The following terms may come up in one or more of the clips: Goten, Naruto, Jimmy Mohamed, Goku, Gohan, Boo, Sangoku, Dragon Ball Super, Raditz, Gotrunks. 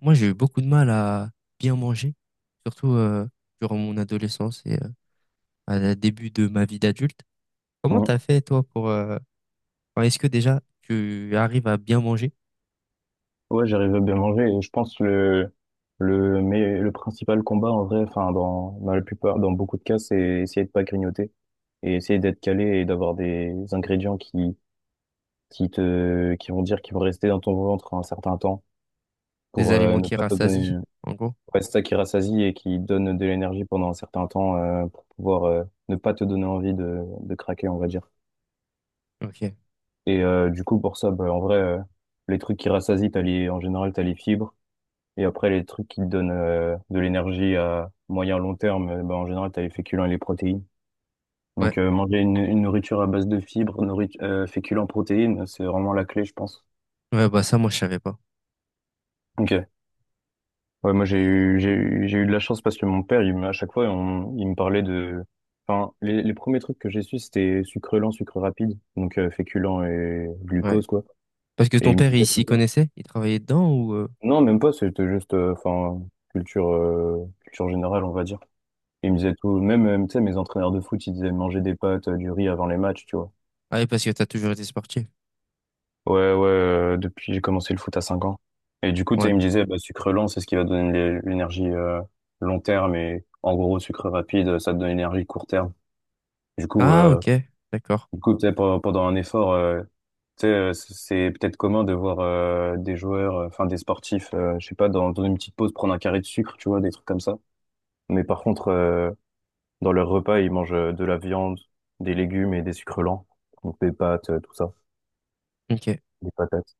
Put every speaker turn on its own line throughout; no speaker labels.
Moi, j'ai eu beaucoup de mal à bien manger, surtout durant mon adolescence et à la début de ma vie d'adulte. Comment
Mm.
t'as fait, toi, pour est-ce que déjà, tu arrives à bien manger
Ouais, j'arrive à bien manger et je pense le principal combat en vrai, enfin dans la plupart, dans beaucoup de cas, c'est essayer de pas grignoter et essayer d'être calé et d'avoir des ingrédients qui vont dire qu'ils vont rester dans ton ventre un certain temps
des
pour
aliments
ne
qui
pas te donner.
rassasient, en gros?
Ouais, c'est ça qui rassasie et qui donne de l'énergie pendant un certain temps pour pouvoir ne pas te donner envie de craquer, on va dire.
Ok.
Et du coup pour ça, bah, en vrai, les trucs qui rassasient, t'as les en général t'as les fibres. Et après, les trucs qui te donnent de l'énergie à moyen long terme, bah, en général, t'as les féculents et les protéines.
Ouais.
Donc, manger une nourriture à base de fibres, nourrit féculents, protéines, c'est vraiment la clé, je pense.
Ouais, bah ça, moi, je savais pas.
Ok. Ouais, moi, j'ai
Mais ouais.
eu, j'ai eu, j'ai eu de la chance parce que mon père, à chaque fois, il me parlait de... Enfin, les premiers trucs que j'ai su, c'était sucre lent, sucre rapide, donc féculents et
Ouais.
glucose, quoi.
Parce que
Et
ton
il me
père, il
disait tout
s'y
le temps.
connaissait? Il travaillait dedans?
Non, même pas, c'était juste, enfin, culture, culture générale, on va dire. Ils me disaient tout, même, tu sais, mes entraîneurs de foot, ils disaient manger des pâtes, du riz avant les matchs, tu vois.
Ah, oui, parce que t'as toujours été sportif.
Ouais, ouais, depuis j'ai commencé le foot à 5 ans. Et du coup, tu sais,
Ouais.
ils me disaient, bah, sucre lent, c'est ce qui va te donner l'énergie long terme. Et en gros, sucre rapide, ça te donne l'énergie court terme. Du coup,
Ah, ok. D'accord.
tu sais, pendant un effort, tu sais, c'est peut-être commun de voir des joueurs, enfin des sportifs, je sais pas, dans une petite pause prendre un carré de sucre, tu vois, des trucs comme ça. Mais par contre, dans leur repas, ils mangent de la viande, des légumes et des sucres lents. Donc des pâtes, tout ça,
Ok.
des patates.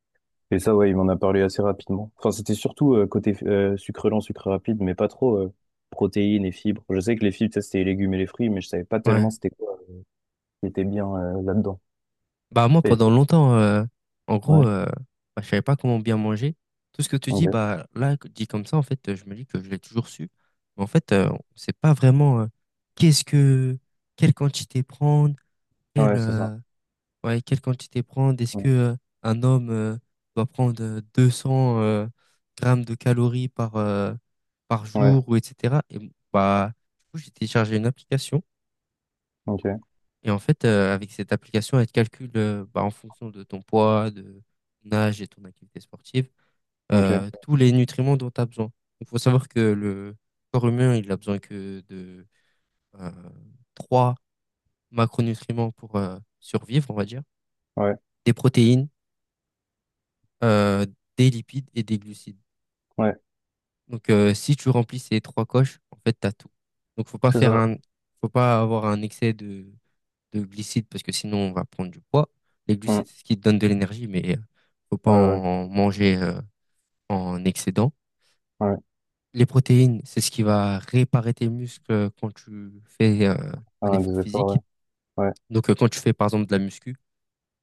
Et ça, ouais, il m'en a parlé assez rapidement. Enfin, c'était surtout côté sucre lent, sucre rapide, mais pas trop protéines et fibres. Je sais que les fibres, ça, c'était les légumes et les fruits, mais je savais pas
Ouais.
tellement c'était quoi qui était bien là-dedans.
Bah moi
Et.
pendant longtemps, en
Ouais,
gros euh, bah, je savais pas comment bien manger. Tout ce que tu dis
ok.
dit comme ça en fait, je me dis que je l'ai toujours su. Mais en fait, on sait pas vraiment qu'est-ce que quelle quantité prendre, quelle
Ouais, c'est ça.
ouais, quelle quantité prendre, est-ce que
Mm.
un homme doit prendre 200 grammes de calories par par
Ouais,
jour ou etc. Et bah du coup j'ai téléchargé une application
ok,
et en fait, avec cette application, elle te calcule bah, en fonction de ton poids, de ton âge et ton activité sportive,
ok.
tous les nutriments dont tu as besoin. Il faut savoir que le corps humain, il a besoin que de euh, 3 macronutriments pour survivre, on va dire,
Ouais,
des protéines, euh, des lipides et des glucides.
ouais,
Donc, si tu remplis ces trois coches, en fait, tu as tout. Donc,
c'est ça.
faut pas avoir un excès de glucides parce que sinon on va prendre du poids. Les
Mm.
glucides, c'est ce qui te donne de l'énergie, mais faut pas
Ouais, ouais,
en manger en excédent.
ouais.
Les protéines, c'est ce qui va réparer tes muscles quand tu fais un
Ah,
effort
des efforts,
physique.
ouais. Ouais,
Donc quand tu fais par exemple de la muscu,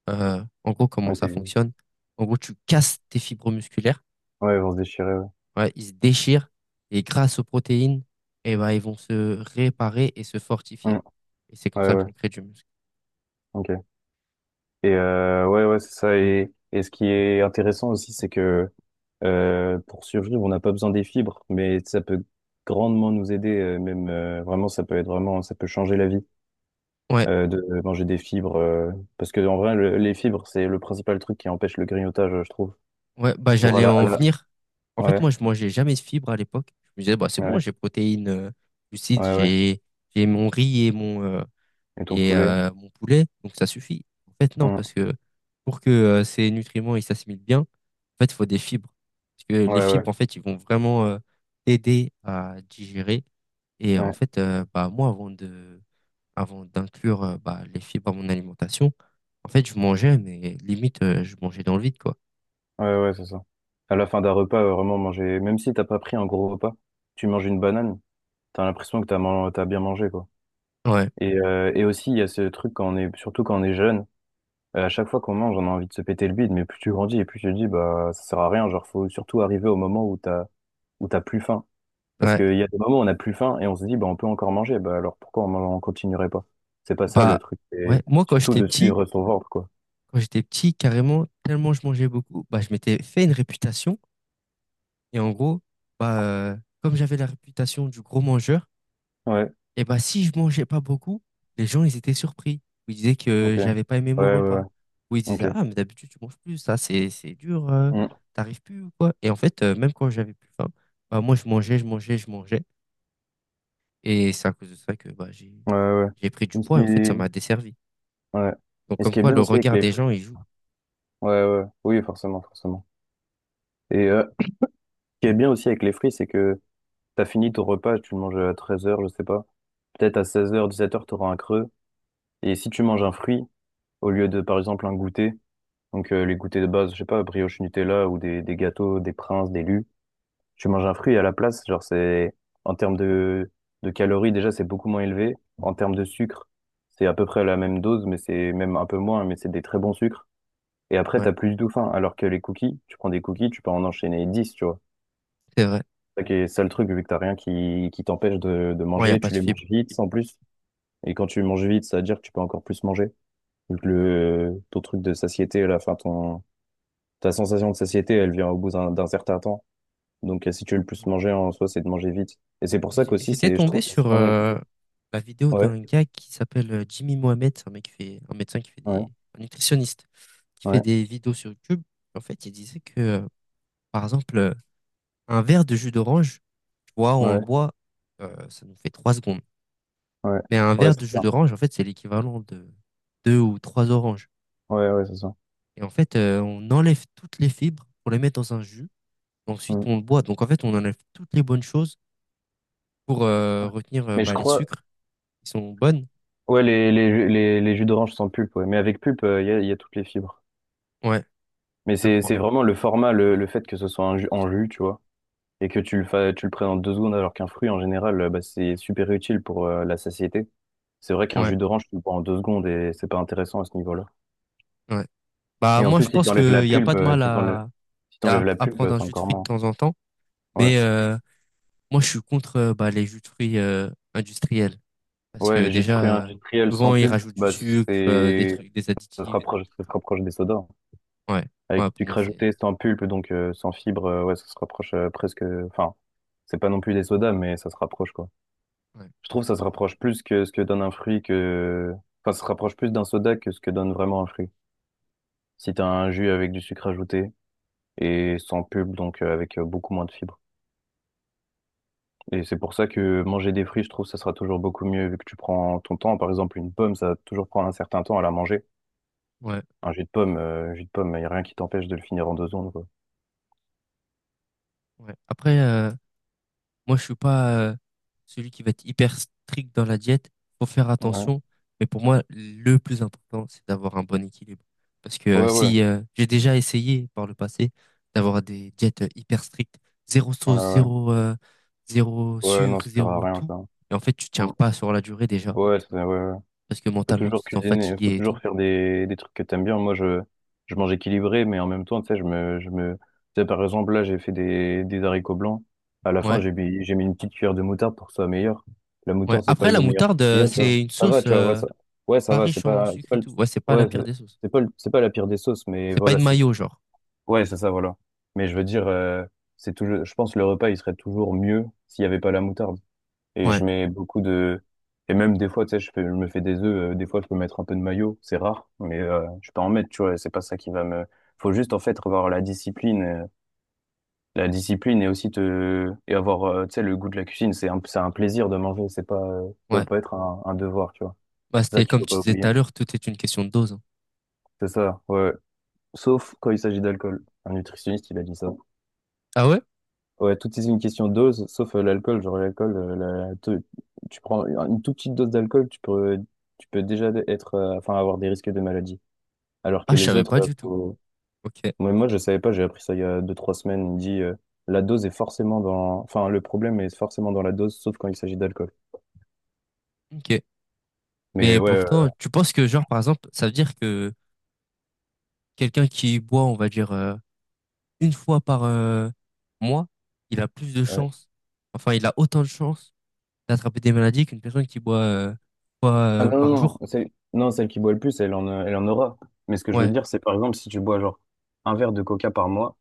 en gros comment ça
ok.
fonctionne? En gros, tu casses tes fibres musculaires,
Ouais, ils vont se déchirer, ouais.
ouais, ils se déchirent et grâce aux protéines, eh ben, ils vont se réparer et se fortifier.
Mm.
Et c'est comme
Ouais,
ça
ouais,
qu'on crée du muscle.
ok. Et ouais, ouais, c'est ça. Et ce qui est intéressant aussi, c'est que pour survivre, on n'a pas besoin des fibres, mais ça peut grandement nous aider. Même, vraiment, ça peut être vraiment, ça peut changer la vie,
Ouais.
de manger des fibres, parce que en vrai, les fibres, c'est le principal truc qui empêche le grignotage, je trouve.
Ouais, bah
Genre à
j'allais en
la...
venir. En fait,
Ouais,
moi, je mangeais jamais de fibres à l'époque. Je me disais, bah c'est bon,
ouais,
j'ai protéines, glucides,
ouais, ouais.
j'ai mon riz et mon,
Et ton
et
poulet,
mon poulet, donc ça suffit. En fait, non,
hum,
parce que pour que ces nutriments ils s'assimilent bien, en fait, il faut des fibres. Parce que les
ouais, ouais,
fibres, en fait, ils vont vraiment t'aider à digérer. Et en
ouais,
fait, bah moi, avant d'inclure bah, les fibres à mon alimentation, en fait, je mangeais, mais limite, je mangeais dans le vide, quoi.
ouais, ouais, c'est ça. À la fin d'un repas, vraiment manger, même si t'as pas pris un gros repas, tu manges une banane, t'as l'impression que t'as bien mangé, quoi.
Ouais,
Et aussi, il y a ce truc quand on est, surtout quand on est jeune, à chaque fois qu'on mange, on a envie de se péter le bide, mais plus tu grandis et plus tu te dis, bah, ça sert à rien. Genre, faut surtout arriver au moment où où t'as plus faim. Parce
ouais.
qu'il y a des moments où on a plus faim et on se dit, bah, on peut encore manger. Bah, alors pourquoi on continuerait pas? C'est pas ça le
Bah,
truc. Et
ouais, moi,
surtout de suivre son ventre, quoi.
quand j'étais petit, carrément, tellement je mangeais beaucoup, bah, je m'étais fait une réputation. Et en gros, bah, comme j'avais la réputation du gros mangeur,
Ouais,
et bah, si je mangeais pas beaucoup, les gens, ils étaient surpris. Ils disaient que
ok. Ouais,
j'avais pas aimé mon
ouais, ouais.
repas. Ou ils disaient,
Ok.
ah, mais d'habitude, tu manges plus, c'est dur,
Mm.
t'arrives plus ou quoi. Et en fait, même quand j'avais plus faim, bah, moi, je mangeais, je mangeais, je mangeais. Et c'est à cause de ça que,
Ouais, ouais. Ouais.
j'ai pris du
Et ce
poids et en fait, ça m'a
qui.
desservi.
Ouais.
Donc,
Et ce
comme
qui est
quoi,
bien
le
aussi avec
regard
les
des
fruits.
gens, il joue.
Ouais, ouais. Oui, forcément, forcément. Et ce qui est bien aussi avec les fruits, c'est que t'as fini ton repas, tu le manges à 13h, je sais pas. Peut-être à 16h, 17h, t'auras un creux. Et si tu manges un fruit, au lieu de, par exemple, un goûter, donc les goûters de base, je sais pas, brioche Nutella ou des gâteaux, des princes, des lus, tu manges un fruit à la place, genre c'est, en termes de calories, déjà, c'est beaucoup moins élevé. En termes de sucre, c'est à peu près la même dose, mais c'est même un peu moins, mais c'est des très bons sucres. Et après,
Ouais,
t'as plus du tout faim. Alors que les cookies, tu prends des cookies, tu peux en enchaîner 10, tu vois.
c'est vrai.
Ok, c'est le truc, vu que t'as rien qui t'empêche de
Ouais, il n'y a
manger,
pas
tu
de
les
fibre.
manges vite en plus. Et quand tu manges vite, ça veut dire que tu peux encore plus manger. Vu que le, ton truc de satiété, la fin, ton, ta sensation de satiété, elle vient au bout d'un certain temps. Donc si tu veux le plus
Ouais.
manger en soi, c'est de manger vite. Et c'est pour ça qu'aussi,
J'étais
c'est, je
tombé
trouve, c'est
sur
souvent négligé.
la vidéo
Ouais,
d'un gars qui s'appelle Jimmy Mohamed, c'est un mec qui fait, un médecin qui fait
ouais,
des, un nutritionniste, qui fait
ouais,
des vidéos sur YouTube. En fait, il disait que, par exemple, un verre de jus d'orange, tu vois, on le
ouais,
boit, ça nous fait 3 secondes.
ouais,
Mais un
ouais,
verre
c'est
de jus
ça.
d'orange, en fait, c'est l'équivalent de 2 ou 3 oranges.
Ouais, ouais, c'est ça.
Et en fait, on enlève toutes les fibres pour les mettre dans un jus. Ensuite,
Mm.
on le boit. Donc, en fait, on enlève toutes les bonnes choses pour retenir
Mais je
bah, les
crois,
sucres qui sont bonnes.
ouais, les jus d'orange sans pulpe, ouais. Mais avec pulpe, il y a, y a toutes les fibres.
Ouais,
Mais
je
c'est
crois.
c'est vraiment le format, le fait que ce soit un jus, en jus, tu vois, et que tu le, tu le présentes 2 secondes alors qu'un fruit, en général, bah, c'est super utile pour la satiété. C'est vrai qu'un
Ouais,
jus d'orange, tu le bois en 2 secondes et c'est pas intéressant à ce niveau-là.
ouais. Bah
Et en
moi
plus,
je
si
pense
t'enlèves la
que y a pas
pulpe,
de mal
si t'enlèves la
à
pulpe,
prendre un
c'est
jus de
encore
fruits de
moins.
temps en temps,
Ouais.
mais moi je suis contre bah, les jus de fruits industriels parce
Ouais,
que
le jus de fruits
déjà,
industriel
souvent
sans
ils
pulpe,
rajoutent du
bah,
sucre, des
c'est,
trucs, des additifs, des trucs.
ça se rapproche des sodas.
Ouais,
Avec
ouais
du
pour moi
sucre
c'est
ajouté sans pulpe, donc sans fibre, ouais, ça se rapproche presque, enfin, c'est pas non plus des sodas, mais ça se rapproche, quoi.
ouais,
Je
je
trouve que
suis
ça se
d'accord.
rapproche plus que ce que donne un fruit que... Enfin, ça se rapproche plus d'un soda que ce que donne vraiment un fruit. Si t'as un jus avec du sucre ajouté et sans pulpe, donc avec beaucoup moins de fibres. Et c'est pour ça que manger des fruits, je trouve, ça sera toujours beaucoup mieux vu que tu prends ton temps. Par exemple, une pomme, ça va toujours prendre un certain temps à la manger.
Ouais,
Un jus de pomme, y a rien qui t'empêche de le finir en 2 secondes, quoi.
ouais. Après moi, je suis pas celui qui va être hyper strict dans la diète. Faut faire
Ouais,
attention. Mais pour moi, le plus important, c'est d'avoir un bon équilibre. Parce que
ouais, ouais,
si j'ai déjà essayé par le passé d'avoir des diètes hyper strictes, zéro
ouais,
sauce,
ouais.
zéro
Ouais, non,
sucre,
ça sert à
zéro
rien,
tout.
ça.
Et en fait, tu tiens
Mm.
pas sur la durée déjà.
Ouais, ouais, ouais.
Parce que
Faut
mentalement, tu
toujours
te sens
cuisiner, faut
fatigué et
toujours
tout.
faire des trucs que t'aimes bien. Moi, je mange équilibré, mais en même temps, tu sais, par exemple, là, j'ai fait des haricots blancs. À la fin,
Ouais,
j'ai mis une petite cuillère de moutarde pour que ce soit meilleur. La
ouais.
moutarde, c'est pas
Après,
le
la
meilleur
moutarde,
truc qu'il y a, tu vois.
c'est une
Ça va,
sauce
tu vois, ouais, ouais, ça
pas
va,
riche en sucre
c'est pas
et
le,
tout. Ouais, c'est pas la
ouais,
pire des sauces.
c'est pas la pire des sauces, mais
C'est pas
voilà,
une
si.
mayo, genre.
Ouais, c'est ça, voilà. Mais je veux dire, c'est toujours, je pense que le repas, il serait toujours mieux s'il y avait pas la moutarde. Et
Ouais.
je mets beaucoup de... Et même des fois, tu sais, je me fais des œufs. Des fois, je peux mettre un peu de maillot. C'est rare, mais je peux en mettre, tu vois. C'est pas ça qui va me... Faut juste, en fait, avoir la discipline. La discipline et aussi te... Et avoir, tu sais, le goût de la cuisine. C'est un plaisir de manger. C'est pas... ça doit
Ouais.
pas être un devoir, tu vois.
Bah,
C'est ça
c'était
qu'il
comme
faut
tu
pas
disais tout
oublier.
à l'heure, tout est une question de dose, hein.
C'est ça, ouais. Sauf quand il s'agit d'alcool. Un nutritionniste, il a dit ça.
Ah ouais?
Ouais, tout est une question de dose, sauf l'alcool. Genre l'alcool, tu prends une toute petite dose d'alcool, tu peux déjà être, enfin, avoir des risques de maladie. Alors
Ah,
que
je
les
savais
autres,
pas du tout. Ok,
moi, je savais pas, j'ai appris ça il y a deux, trois semaines. Il me dit, la dose est forcément dans, enfin, le problème est forcément dans la dose, sauf quand il s'agit d'alcool.
ok.
Mais
Mais
ouais,
pourtant, tu penses que, genre, par exemple, ça veut dire que quelqu'un qui boit, on va dire, une fois par mois, il a plus de
ouais.
chances, enfin, il a autant de chances d'attraper des maladies qu'une personne qui boit une fois
Ah non,
par
non,
jour.
non, celle qui boit le plus, elle en aura. Mais ce que je veux
Ouais,
dire, c'est par exemple, si tu bois genre un verre de coca par mois,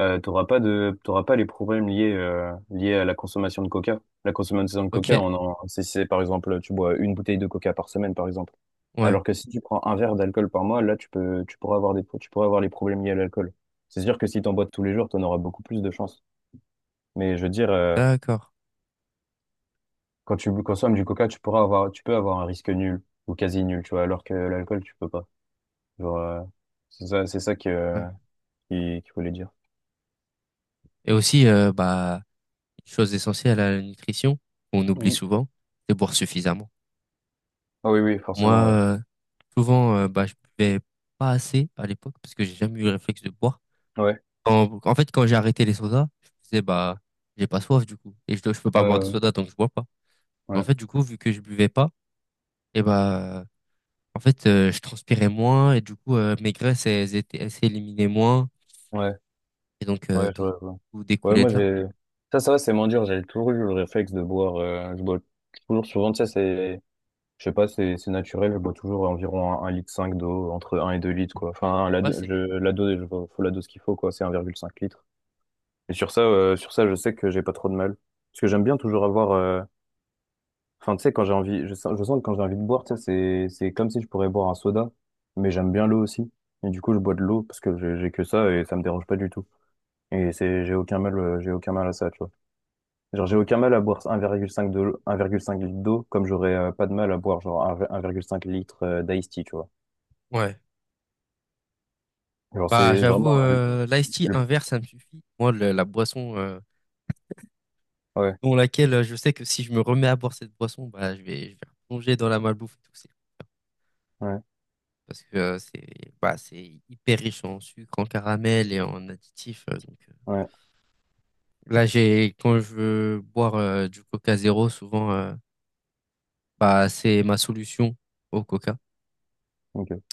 t'auras pas les problèmes liés, liés à la consommation de coca. La consommation de
ok,
coca, on en, c'est, par exemple, tu bois une bouteille de coca par semaine, par exemple.
ouais,
Alors que si tu prends un verre d'alcool par mois, là, tu pourras avoir des, tu pourras avoir les problèmes liés à l'alcool. C'est sûr que si t'en bois tous les jours, t'en auras beaucoup plus de chances. Mais je veux dire,
d'accord.
quand tu consommes du coca, tu peux avoir un risque nul ou quasi nul, tu vois, alors que l'alcool, tu peux pas. Genre, c'est ça que,
Ouais.
qu'il qu'il voulait dire.
Et aussi, bah, une chose essentielle à la nutrition, qu'on oublie
Mm.
souvent, c'est boire suffisamment.
Ah oui, oui,
Moi,
forcément, ouais.
souvent, bah, je buvais pas assez à l'époque parce que j'ai jamais eu le réflexe de boire.
Ouais.
En fait, quand j'ai arrêté les sodas, je me disais, bah, j'ai pas soif du coup. Et je peux pas boire de
Euh,
soda donc je bois pas.
ouais.
Mais en
Ouais.
fait, du coup, vu que je buvais pas, et bah, en fait, je transpirais moins et du coup, mes graisses, elles s'éliminaient moins.
Ouais.
Et donc,
Ouais, je vois. Je vois.
tout
Ouais,
découlait
moi,
de là.
j'ai. Ça va, c'est moins dur. J'ai toujours eu le réflexe de boire. Je bois toujours souvent, tu sais, c'est. Je sais pas, c'est naturel. Je bois toujours environ 1,5 litre d'eau, entre un et 2 litres, quoi. Enfin,
Ouais, c'est bien.
la dose, faut la dose qu'il faut, quoi. C'est 1,5 litre. Et sur ça, je sais que j'ai pas trop de mal. Parce que j'aime bien toujours avoir. Enfin, tu sais, quand j'ai envie. Je sens que quand j'ai envie de boire, tu sais, c'est comme si je pourrais boire un soda. Mais j'aime bien l'eau aussi. Et du coup, je bois de l'eau parce que j'ai que ça et ça me dérange pas du tout. Et c'est, j'ai aucun mal à ça, tu vois. Genre, j'ai aucun mal à boire un virgule cinq de, 1,5 litre d'eau, comme j'aurais pas de mal à boire genre un 1,5 litre d'ice tea, tu vois.
Ouais.
Genre,
Bah,
c'est
j'avoue,
vraiment
l'ice tea, un
le-
verre, ça me suffit. Moi, la boisson,
ouais,
dans laquelle je sais que si je me remets à boire cette boisson, bah, je vais plonger dans la malbouffe et tout.
ouais,
Parce que c'est hyper riche en sucre, en caramel et en additifs, donc,
ouais, ouais.
là, quand je veux boire du Coca zéro, souvent, bah, c'est ma solution au Coca.
Ok.